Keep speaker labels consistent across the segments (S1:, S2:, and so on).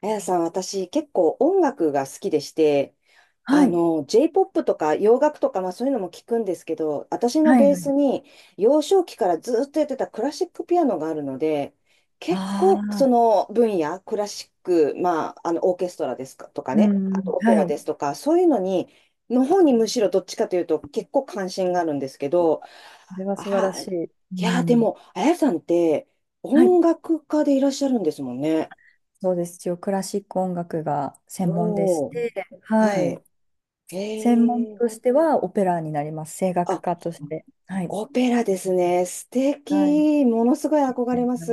S1: あやさん、私結構音楽が好きでして、
S2: はい。
S1: J-POP とか洋楽とか、そういうのも聞くんですけど、私の
S2: はい
S1: ベー
S2: は
S1: ス
S2: い。
S1: に幼少期からずっとやってたクラシックピアノがあるので、結
S2: あ
S1: 構そ
S2: あ、
S1: の分野、クラシック、オーケストラですかとか
S2: う
S1: ね、あと
S2: ん。
S1: オペ
S2: は
S1: ラ
S2: い。
S1: ですとか、そういうのに、の方にむしろどっちかというと結構関心があるんですけど、
S2: それは素晴
S1: あ
S2: ら
S1: ー
S2: しい。
S1: い
S2: う
S1: や、で
S2: ん。
S1: も、あやさんって
S2: はい。
S1: 音楽家でいらっしゃるんですもんね。
S2: そうです。一応クラシック音楽が専門でし
S1: おお。
S2: て、は
S1: は
S2: い。
S1: い。
S2: 専門
S1: ええ
S2: としてはオペラになります。声楽
S1: あ、
S2: 家として。はい。
S1: オペラですね。素
S2: はい。
S1: 敵。ものすごい憧れます。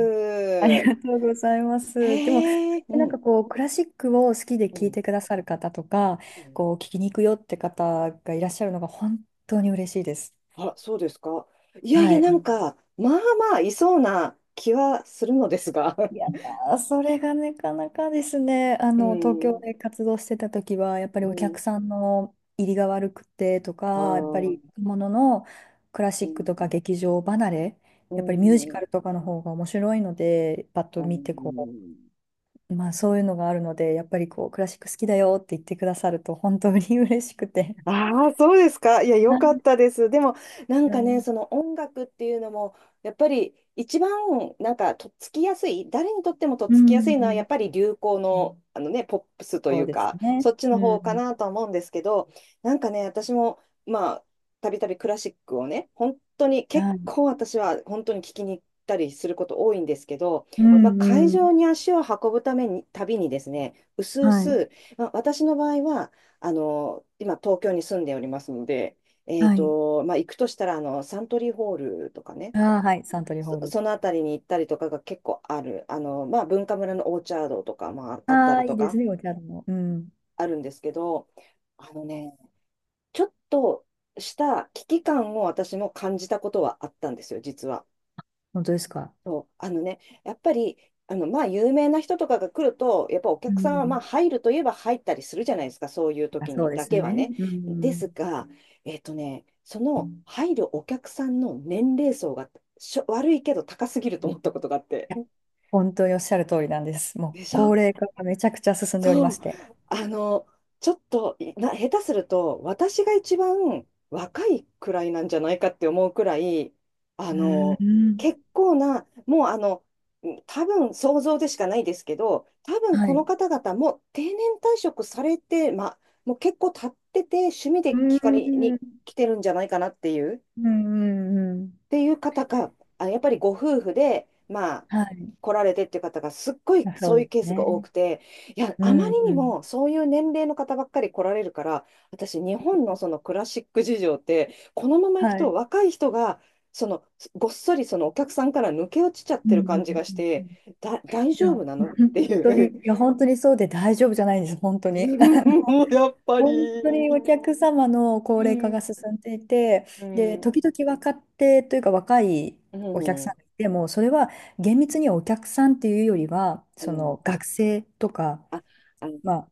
S2: あり
S1: へ
S2: がとうございます。でも、
S1: え、う
S2: なん
S1: ん、
S2: かこう、クラシックを好きで
S1: う
S2: 聴い
S1: ん。
S2: てくださる方とか、
S1: うん
S2: こう、聴きに行くよって方がいらっしゃるのが本当に嬉しいです。
S1: あ、そうですか。いやい
S2: は
S1: や、な
S2: い。
S1: んか、まあいそうな気はするのですが。
S2: いや ー、それがなかなかですね、あ
S1: う
S2: の、東京
S1: ん、
S2: で活動してた時は、やっぱり
S1: う
S2: お客
S1: ん。
S2: さんの入りが悪くてと
S1: あ
S2: か、やっぱ
S1: う
S2: り
S1: ん
S2: もののクラシ
S1: あ、う
S2: ッ
S1: ん、
S2: クとか劇場離れ、
S1: う
S2: やっぱりミュージカ
S1: ん、
S2: ルとかの方が面白いので、パッと
S1: う
S2: 見てこ
S1: ん。
S2: う、まあそういうのがあるので、やっぱりこう、クラシック好きだよって言ってくださると、本当に嬉しくて。
S1: ああ、そうですか。いや、
S2: は
S1: よかっ
S2: い。
S1: たです。でも、なん
S2: う
S1: かね、
S2: ん
S1: その音楽っていうのも、やっぱり一番、なんか、とっつきやすい、誰にとってもとっ
S2: う
S1: つきやすいのは、や
S2: ん。
S1: っぱり流行の、あのね、ポップスと
S2: そ
S1: い
S2: う
S1: う
S2: です
S1: か、
S2: ね。
S1: そっち
S2: う
S1: の方か
S2: ん。
S1: なとは思うんですけど、なんかね、私も、まあ、たびたびクラシックをね、本当に、結
S2: はい。
S1: 構私は本当に聞きに行ったりすること多いんですけど、
S2: う
S1: まあ、
S2: ん
S1: 会
S2: う
S1: 場
S2: ん。
S1: に足を運ぶために、たびにですね、うすう
S2: はい
S1: す、まあ、私の場合は、あの、今、東京に住んでおりますので、
S2: はい。
S1: まあ、行くとしたら、あの、サントリーホールとかね、
S2: ああ、はい、サントリーホール。
S1: そのあたりに行ったりとかが結構ある。あの、まあ、文化村のオーチャードとか、まあ、あった
S2: ああ、
S1: り
S2: い
S1: と
S2: いです
S1: か、
S2: ね、お茶も。うん。
S1: あるんですけど、あのね、ちょっとした危機感を私も感じたことはあったんですよ、実は。
S2: 本当ですか。
S1: そう、あのね、やっぱり、あの、まあ、有名な人とかが来ると、やっぱお
S2: う
S1: 客さんは、まあ、
S2: ん。
S1: 入るといえば入ったりするじゃないですか、そういう
S2: あ、
S1: 時
S2: そう
S1: に
S2: で
S1: だ
S2: す
S1: けは
S2: ね。
S1: ね。
S2: う
S1: で
S2: ん。い
S1: すが、えっとね、その入るお客さんの年齢層が悪いけど高すぎると思ったことがあって。
S2: や、本当におっしゃる通りなんです。もう
S1: でしょ
S2: 高齢化がめちゃくちゃ進んでおりま
S1: そう、
S2: して。
S1: あの、ちょっとな、下手すると、私が一番若いくらいなんじゃないかって思うくらい、あ
S2: うー
S1: の、
S2: ん。
S1: 結構な、もうあの、多分想像でしかないですけど、多分
S2: は
S1: こ
S2: い。
S1: の
S2: う
S1: 方々もう定年退職されて、ま、もう結構経ってて、趣味
S2: ー
S1: で聞かれに
S2: ん。
S1: 来てるんじゃないかなっていう。
S2: うんうんうん。
S1: ていう方が、あ、やっぱりご夫婦で、まあ、
S2: はい。
S1: 来られてっていう方がすっごい
S2: あ、そう
S1: そう
S2: で
S1: いう
S2: す
S1: ケースが多
S2: ね。
S1: くて、いや、
S2: う
S1: あま
S2: ん
S1: り
S2: う
S1: に
S2: ん。
S1: もそういう年齢の方ばっかり来られるから、私、日本のそのクラシック事情って、このまま行く
S2: は
S1: と
S2: い。
S1: 若い人が、そのごっそりそのお客さんから抜け落ちちゃっ
S2: うん
S1: て
S2: う
S1: る
S2: ん
S1: 感じが
S2: う
S1: し
S2: んう
S1: て、
S2: ん。
S1: 大
S2: いや、
S1: 丈夫
S2: 本
S1: なのってい
S2: 当に、
S1: う。
S2: いや、本当にそうで大丈夫じゃないんです。本当に。
S1: もうやっぱ
S2: 本当に
S1: り。
S2: お客様の高
S1: う
S2: 齢化が
S1: ん。
S2: 進んでいて、
S1: う
S2: で、時
S1: ん。
S2: 々若手というか若い
S1: う
S2: お客さ
S1: ん。
S2: んがいても、それは厳密にはお客さんっていうよりは、
S1: う
S2: その
S1: ん。
S2: 学生とか、
S1: あ、あの、
S2: ま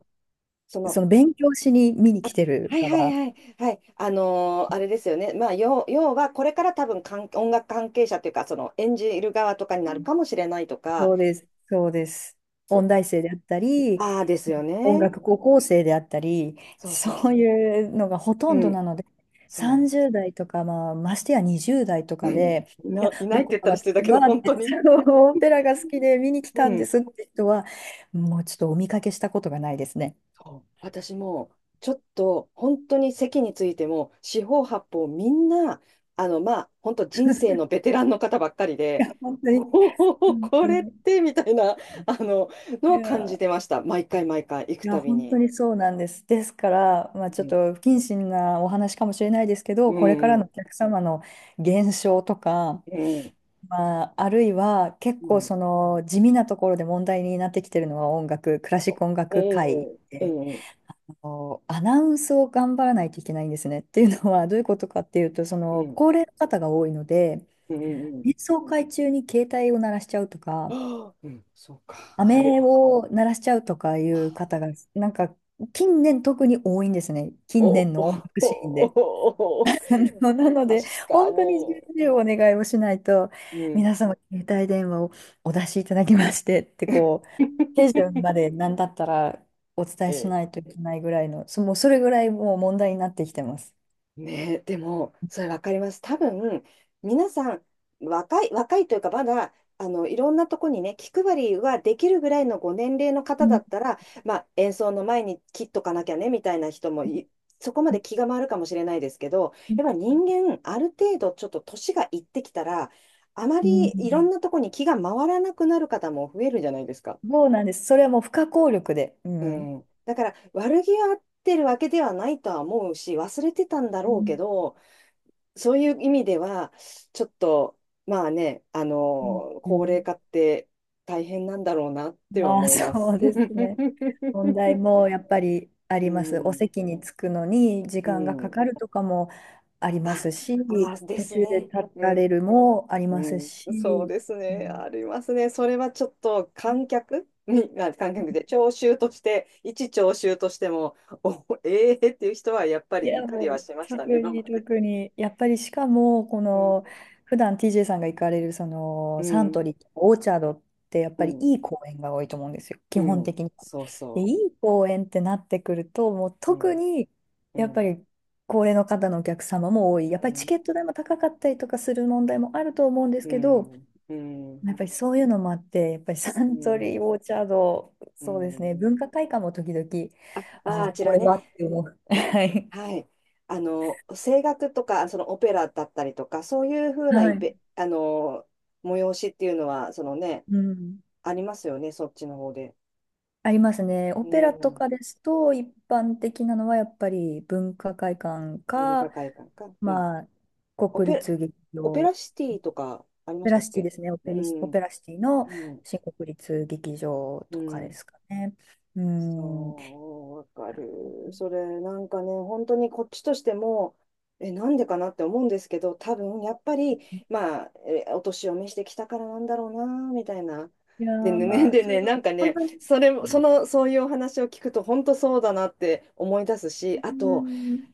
S1: そ
S2: あ、
S1: の
S2: その勉強しに見に来てる
S1: はいはい
S2: 側。
S1: はいはい。あのーあれですよね。まあ、要は、これから多分音楽関係者というか、その演じる側とかになるかもしれないとか、
S2: そうです、そうです。
S1: そ
S2: 音大生であったり、
S1: ああですよ
S2: 音
S1: ね。
S2: 楽高校生であったり、
S1: そうそう
S2: そ
S1: そ
S2: う
S1: う。
S2: いうのがほと
S1: う
S2: んどな
S1: ん、
S2: ので、
S1: そ
S2: 30代とか、まあ、ましてや20代とかで、いや、
S1: いないって
S2: 僕
S1: 言ったら
S2: は
S1: 失礼だ
S2: 私
S1: けど、
S2: はっ
S1: 本当
S2: て、そ
S1: に。
S2: のオペラが好きで見に来
S1: う
S2: たんで
S1: ん。
S2: すって人は、もうちょっとお見かけしたことがないですね。
S1: そう私もちょっと本当に席についても四方八方みんなあのまあ本当人生のベテランの方ばっかり
S2: い
S1: で
S2: や、本当
S1: お
S2: に、
S1: お
S2: 本
S1: こ
S2: 当
S1: れっ
S2: に。
S1: てみたいなあの
S2: い
S1: のを感
S2: や
S1: じて
S2: ー、
S1: ました毎回毎回行く
S2: いや、
S1: たび
S2: 本当
S1: に
S2: にそうなんです。ですから、まあ、ち
S1: う
S2: ょっ
S1: ん
S2: と不謹慎なお話かもしれないですけ
S1: う
S2: ど、これからのお
S1: ん
S2: 客様の減少とか、
S1: うん
S2: まあ、あるいは結
S1: う
S2: 構そ
S1: ん
S2: の地味なところで問題になってきてるのは音楽、クラシック音
S1: う
S2: 楽界
S1: んう
S2: で、
S1: んうん
S2: あのアナウンスを頑張らないといけないんですね。っていうのはどういうことかっていうと、そ
S1: うんう
S2: の
S1: ん
S2: 高齢の方が多いので、
S1: うんう
S2: 演
S1: ん
S2: 奏会中に携帯を鳴らしちゃうと
S1: あ
S2: か、
S1: ーうんそうかある
S2: 飴を鳴らしちゃうとかいう方が、なんか近年特に多いんですね。
S1: お
S2: 近
S1: お
S2: 年
S1: お
S2: の音楽シーンで。
S1: おおお
S2: あのなので、
S1: 確か
S2: 本
S1: に
S2: 当に重々お願いをしないと、
S1: うん
S2: 皆様、携帯電話をお出しいただきましてって、
S1: え
S2: こう、手順まで何だったらお伝えし
S1: え
S2: ないといけないぐらいの、もうそれぐらいもう問題になってきてます。
S1: ねえ、でも、それわかります。多分、皆さん、若いというか、まだ、あの、いろんなとこにね、気配りはできるぐらいのご年齢の
S2: う
S1: 方だ
S2: ん
S1: ったら、まあ、演奏の前に切っとかなきゃね、みたいな人もい、そこまで気が回るかもしれないですけど、やっぱ人間、ある程度、ちょっと年がいってきたら、あま
S2: う
S1: りいろん
S2: ん。
S1: なとこに気が回らなくなる方も増えるじゃないですか。
S2: そうなんです。それはもう不可抗力で。う
S1: う
S2: ん。
S1: ん、だから悪気はあってるわけではないとは思うし忘れてたんだ
S2: う
S1: ろうけ
S2: ん
S1: どそういう意味ではちょっとまあねあの
S2: う
S1: 高齢
S2: ん。
S1: 化って大変なんだろうなっては
S2: まあ
S1: 思いま
S2: そ
S1: す。
S2: うですね。問題もやっぱりあ
S1: う
S2: ります。お
S1: ん、
S2: 席に着くのに時
S1: う
S2: 間がか
S1: ん、
S2: かるとかもありま
S1: あ、
S2: すし、
S1: あで
S2: 途
S1: す
S2: 中で
S1: ね。
S2: 立
S1: う
S2: た
S1: ん
S2: れるもあります
S1: うん、そう
S2: し、
S1: ですね。ありますね。それはちょっと観客に、観客で聴衆として、一聴衆としても、ええっていう人はやっぱ
S2: い
S1: りい
S2: や、
S1: たり
S2: も
S1: は
S2: う、
S1: しまし
S2: 特
S1: たね、今ま
S2: に
S1: で。
S2: 特に、やっぱりしかも、こ
S1: うん、
S2: の、普段 TJ さんが行かれる、そ
S1: う
S2: の、サント
S1: ん、
S2: リーとかオーチャードって、やっ
S1: う
S2: ぱり
S1: ん、
S2: いい公園が多いと思うんですよ、基
S1: う
S2: 本
S1: ん、
S2: 的に。
S1: そう
S2: で、い
S1: そ
S2: い公園ってなってくると、もう
S1: う。う
S2: 特
S1: ん、
S2: に、
S1: う
S2: やっぱ
S1: ん、
S2: り、高齢の方のお客様も多い。
S1: う
S2: やっぱりチ
S1: ん、
S2: ケット代も高かったりとかする問題もあると思うんです
S1: う
S2: けど、
S1: ん、うん、
S2: やっぱりそういうのもあって、やっぱりサ
S1: う
S2: ント
S1: ん。
S2: リー、オーチャード、
S1: う
S2: そうですね、
S1: ん
S2: 文化会館も時々、
S1: あ、
S2: ああ、
S1: あち
S2: こ
S1: ら
S2: れ
S1: ね。
S2: はって思う。はい。
S1: はい。あの、声楽とか、そのオペラだったりとか、そういうふうな
S2: は
S1: イ
S2: い。
S1: ベ、あの、催しっていうのは、そのね、
S2: うん、
S1: ありますよね、そっちの方で。
S2: ありますね。オ
S1: う
S2: ペラと
S1: ん。
S2: かですと、一般的なのはやっぱり文化会館
S1: 文
S2: か、
S1: 化会館か。うん。
S2: まあ、
S1: オ
S2: 国
S1: ペ、
S2: 立劇場、
S1: オペ
S2: オ
S1: ラシティとかありま
S2: ペ
S1: し
S2: ラ
S1: たっ
S2: シティ
S1: け
S2: ですね、
S1: う
S2: オ
S1: ん。は
S2: ペラシティの
S1: い。
S2: 新国立劇場
S1: う
S2: とかで
S1: ん。
S2: すかね。うん。
S1: そう、わかる。それ、なんかね、本当にこっちとしても、え、なんでかなって思うんですけど、多分、やっぱり、まあ、えお年を召してきたからなんだろうな、みたいな。
S2: いや
S1: で
S2: ー、
S1: ね、
S2: ま あ、
S1: で
S2: それ
S1: ね、
S2: は
S1: なんか
S2: 本
S1: ね、
S2: 当に、
S1: それも、その、そういうお話を聞くと、本当そうだなって思い出す
S2: う
S1: し、あと、
S2: ん、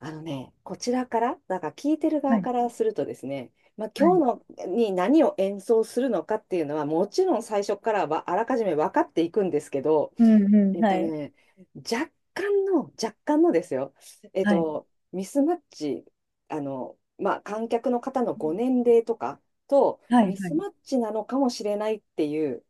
S1: あのね、こちらから、だから聞いてる
S2: は
S1: 側
S2: い、
S1: からするとですね、まあ、
S2: は
S1: 今
S2: い、
S1: 日のに何を演奏するのかっていうのは、もちろん最初からはあらかじめ分かっていくんですけど、
S2: うん、うん、
S1: えっ
S2: は
S1: と
S2: い、
S1: ね、若干のですよ。えっ
S2: はい、
S1: と、ミスマッチ、あの、まあ、観客の方のご年齢とかと、
S2: はい、
S1: ミ
S2: は
S1: ス
S2: い、
S1: マッチなのかもしれないっていう、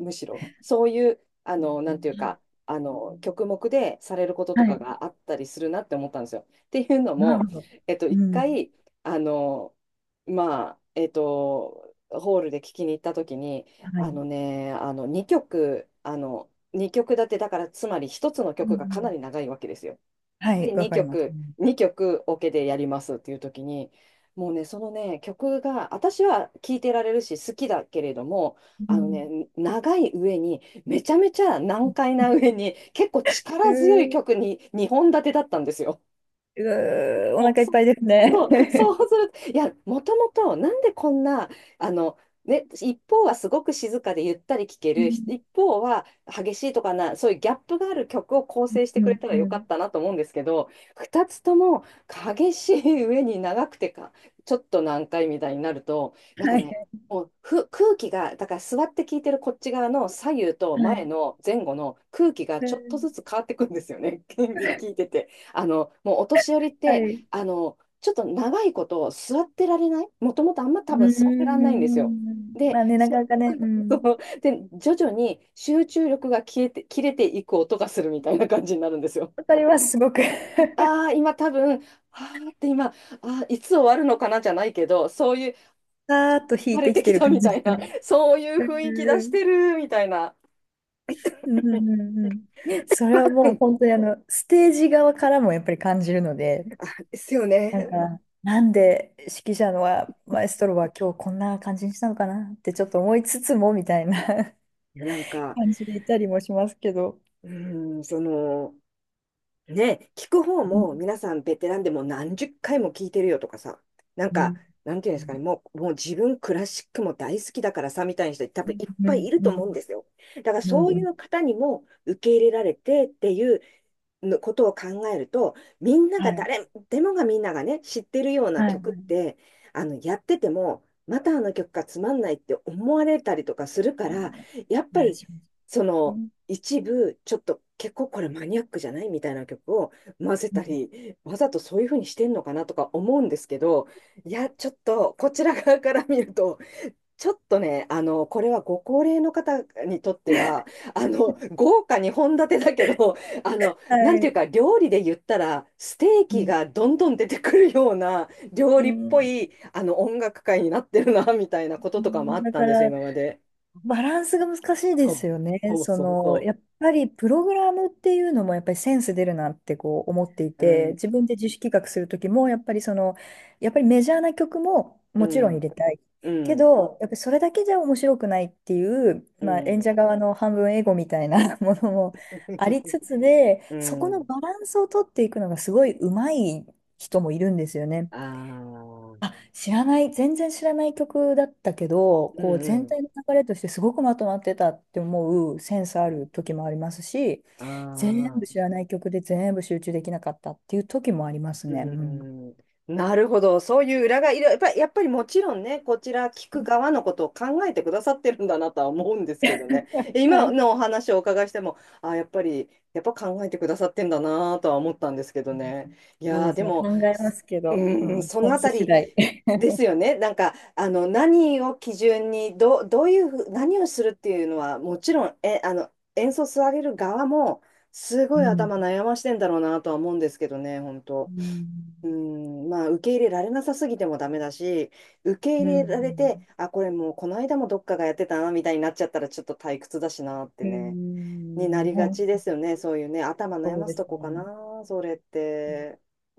S1: むしろ、そういう、あの、なんていうか、あの、曲目でされること
S2: は
S1: とか
S2: い、
S1: があったりするなって思ったんですよ。っていうの
S2: な
S1: も、
S2: るほど。
S1: えっと、一
S2: うん、
S1: 回、あの、まあ、えっと、ホールで聞きに行った時に、
S2: は
S1: あ
S2: い、
S1: のね、あの、2曲、あの、2曲立てだからつまり一つの
S2: うん、う
S1: 曲がかなり
S2: ん、
S1: 長いわけですよ。
S2: はい、
S1: で
S2: わか
S1: 2
S2: ります。
S1: 曲2曲オケでやりますっていう時にもうねそのね曲が私は聴いてられるし好きだけれども
S2: う
S1: あの
S2: ん
S1: ね長い上にめちゃめちゃ
S2: う
S1: 難解な上に結構力強い
S2: ーん
S1: 曲に2本立てだったんですよ。
S2: うー、お
S1: もう
S2: 腹いっぱいですね。
S1: そうす ると、いや、もともと、なんでこんな、あの、ね、一方はすごく静かでゆったり聴け
S2: うん、
S1: る、一方は激しいとかな、そういうギャップがある曲を構成して
S2: う
S1: くれ
S2: ん、
S1: たら
S2: う
S1: よか
S2: ん。
S1: ったなと思うんですけど、二つとも激しい上に長くてちょっと難解みたいになると、なんか
S2: はい、
S1: ね、もうふ空気が、だから座って聴いてるこっち側の左右と
S2: はい。
S1: 前後の空気が
S2: う
S1: ちょっと
S2: ん。
S1: ずつ変わってくんですよね、聞いてて。あの、もうお年寄りっ
S2: は
S1: て、
S2: い。う
S1: あの、ちょっと長いこと座ってられない、もともとあんま
S2: ー
S1: 多分座ってらんないんですよ。
S2: ん。
S1: で、
S2: まあね、なか
S1: そ
S2: なかね、う
S1: そ
S2: ん。
S1: うで徐々に集中力が消えて切れていく音がするみたいな感じになるんですよ。
S2: わかります、すごく。
S1: あ あ、今多分、ああって今、ああ、いつ終わるのかなじゃないけど、そういう、
S2: さーっと引
S1: 枯
S2: い
S1: れ
S2: てき
S1: て
S2: て
S1: き
S2: る
S1: た
S2: 感
S1: み
S2: じ
S1: たい
S2: が
S1: な、
S2: ね。
S1: そういう
S2: う
S1: 雰囲気出し
S2: ん、
S1: てるみたいな。
S2: うん、うん。うんうん。それは
S1: う
S2: もう
S1: ん
S2: 本当にあの、ステージ側からもやっぱり感じるので、
S1: あ、ですよ
S2: なん
S1: ね。
S2: か、なんで指揮者のは、マエストロは今日こんな感じにしたのかなってちょっと思いつつも、みたいな。
S1: いやなんか、
S2: 感じでいたりもしますけど。
S1: うん、その、ね、聞く方
S2: うん、
S1: も皆さんベテランでもう何十回も聞いてるよとかさ、なん
S2: う
S1: か、
S2: ん、
S1: なんていうん
S2: う
S1: ですか
S2: ん、
S1: ね、もう、もう自分クラシックも大好きだからさ、みたいな人多分いっ
S2: う
S1: ぱい
S2: ん、
S1: いると
S2: う
S1: 思うんですよ。だから
S2: ん、
S1: そう
S2: う
S1: い
S2: ん、
S1: う方にも受け入れられてっていう、のことを考えると、
S2: はい。
S1: みんながね、知ってるような
S2: は
S1: 曲っ
S2: い。
S1: て、あの、やってても、またあの曲がつまんないって思われたりとかするか
S2: う
S1: ら、
S2: ん、お
S1: やっぱ
S2: 願い
S1: り、
S2: しま
S1: そ
S2: す
S1: の、
S2: ね。
S1: 一部、ちょっと結構これマニアックじゃないみたいな曲を混ぜ
S2: う
S1: た
S2: ん、
S1: り、わざとそういうふうにしてんのかなとか思うんですけど、いや、ちょっとこちら側から見ると、ちょっとね、あの、これはご高齢の方にとっては、あの、豪華に本立てだけど、あの、な
S2: は
S1: んてい
S2: い。
S1: うか、料理で言ったら、ステー
S2: う
S1: キ
S2: ん。
S1: がどんどん出てくるような、料
S2: う
S1: 理っぽ
S2: ん。
S1: い、あの、音楽会になってるな、みたいなこと
S2: う
S1: とかもあ
S2: ん
S1: っ
S2: だ
S1: た
S2: か
S1: んですよ、
S2: ら、
S1: 今まで。
S2: バランスが難しいで
S1: そ
S2: す
S1: う、
S2: よね。
S1: そう
S2: そ
S1: そう
S2: の、
S1: そ
S2: やっぱりプログラムっていうのもやっぱりセンス出るなってこう思ってい
S1: う。う
S2: て、
S1: ん、
S2: 自分で自主企画する時も、やっぱりその、やっぱりメジャーな曲も
S1: う
S2: もちろん入
S1: ん、
S2: れたい。
S1: う
S2: け
S1: ん、
S2: ど、やっぱりそれだけじゃ面白くないっていう、
S1: う
S2: まあ、演
S1: ん。
S2: 者側の半分エゴみたいな ものもあり つつで、
S1: う
S2: そこの
S1: ん。
S2: バランスを取っていくのがすごい上手い人もいるんですよね。
S1: ああ、うん、
S2: あ、知らない、全然知らない曲だったけど、こう全
S1: う
S2: 体の流れとしてすごくまとまってたって思うセンスあ
S1: ん。
S2: る時もありますし、
S1: あ
S2: 全部知
S1: あ。
S2: らない曲で全部集中できなかったっていう時もあります
S1: うー
S2: ね。うん。
S1: ん、なるほど。そういう裏がいる。やっぱりもちろんね、こちら聞く側のことを考えてくださってるんだなとは思うんですけどね。
S2: は
S1: 今
S2: い。
S1: のお話をお伺いしても、やっぱ考えてくださってんだなとは思ったんですけどね。い
S2: そう
S1: や
S2: で
S1: ー、
S2: す
S1: で
S2: ね、考
S1: も、
S2: えますけ
S1: う
S2: ど、
S1: ー
S2: う
S1: ん、
S2: ん、
S1: そ
S2: セ
S1: の
S2: ン
S1: あ
S2: ス
S1: た
S2: 次
S1: り
S2: 第。
S1: ですよね。なんか、あの、何を基準に、どういうふう、何をするっていうのは、もちろん、え、あの、演奏される側も、す
S2: う
S1: ごい
S2: ん。
S1: 頭悩ましてんだろうなとは思うんですけどね、本
S2: う
S1: 当。
S2: ん。
S1: うん、まあ、受け入れられなさすぎてもダメだし、受け入
S2: う
S1: れられて、
S2: ん。
S1: あ、これもうこの間もどっかがやってたな、みたいになっちゃったらちょっと退屈だしなって
S2: う
S1: ね、にな
S2: ん。うん、
S1: りがち
S2: 本
S1: です
S2: 当
S1: よね。そういうね、頭悩
S2: そう
S1: ま
S2: で
S1: すと
S2: す
S1: こか
S2: ね。
S1: な、それって。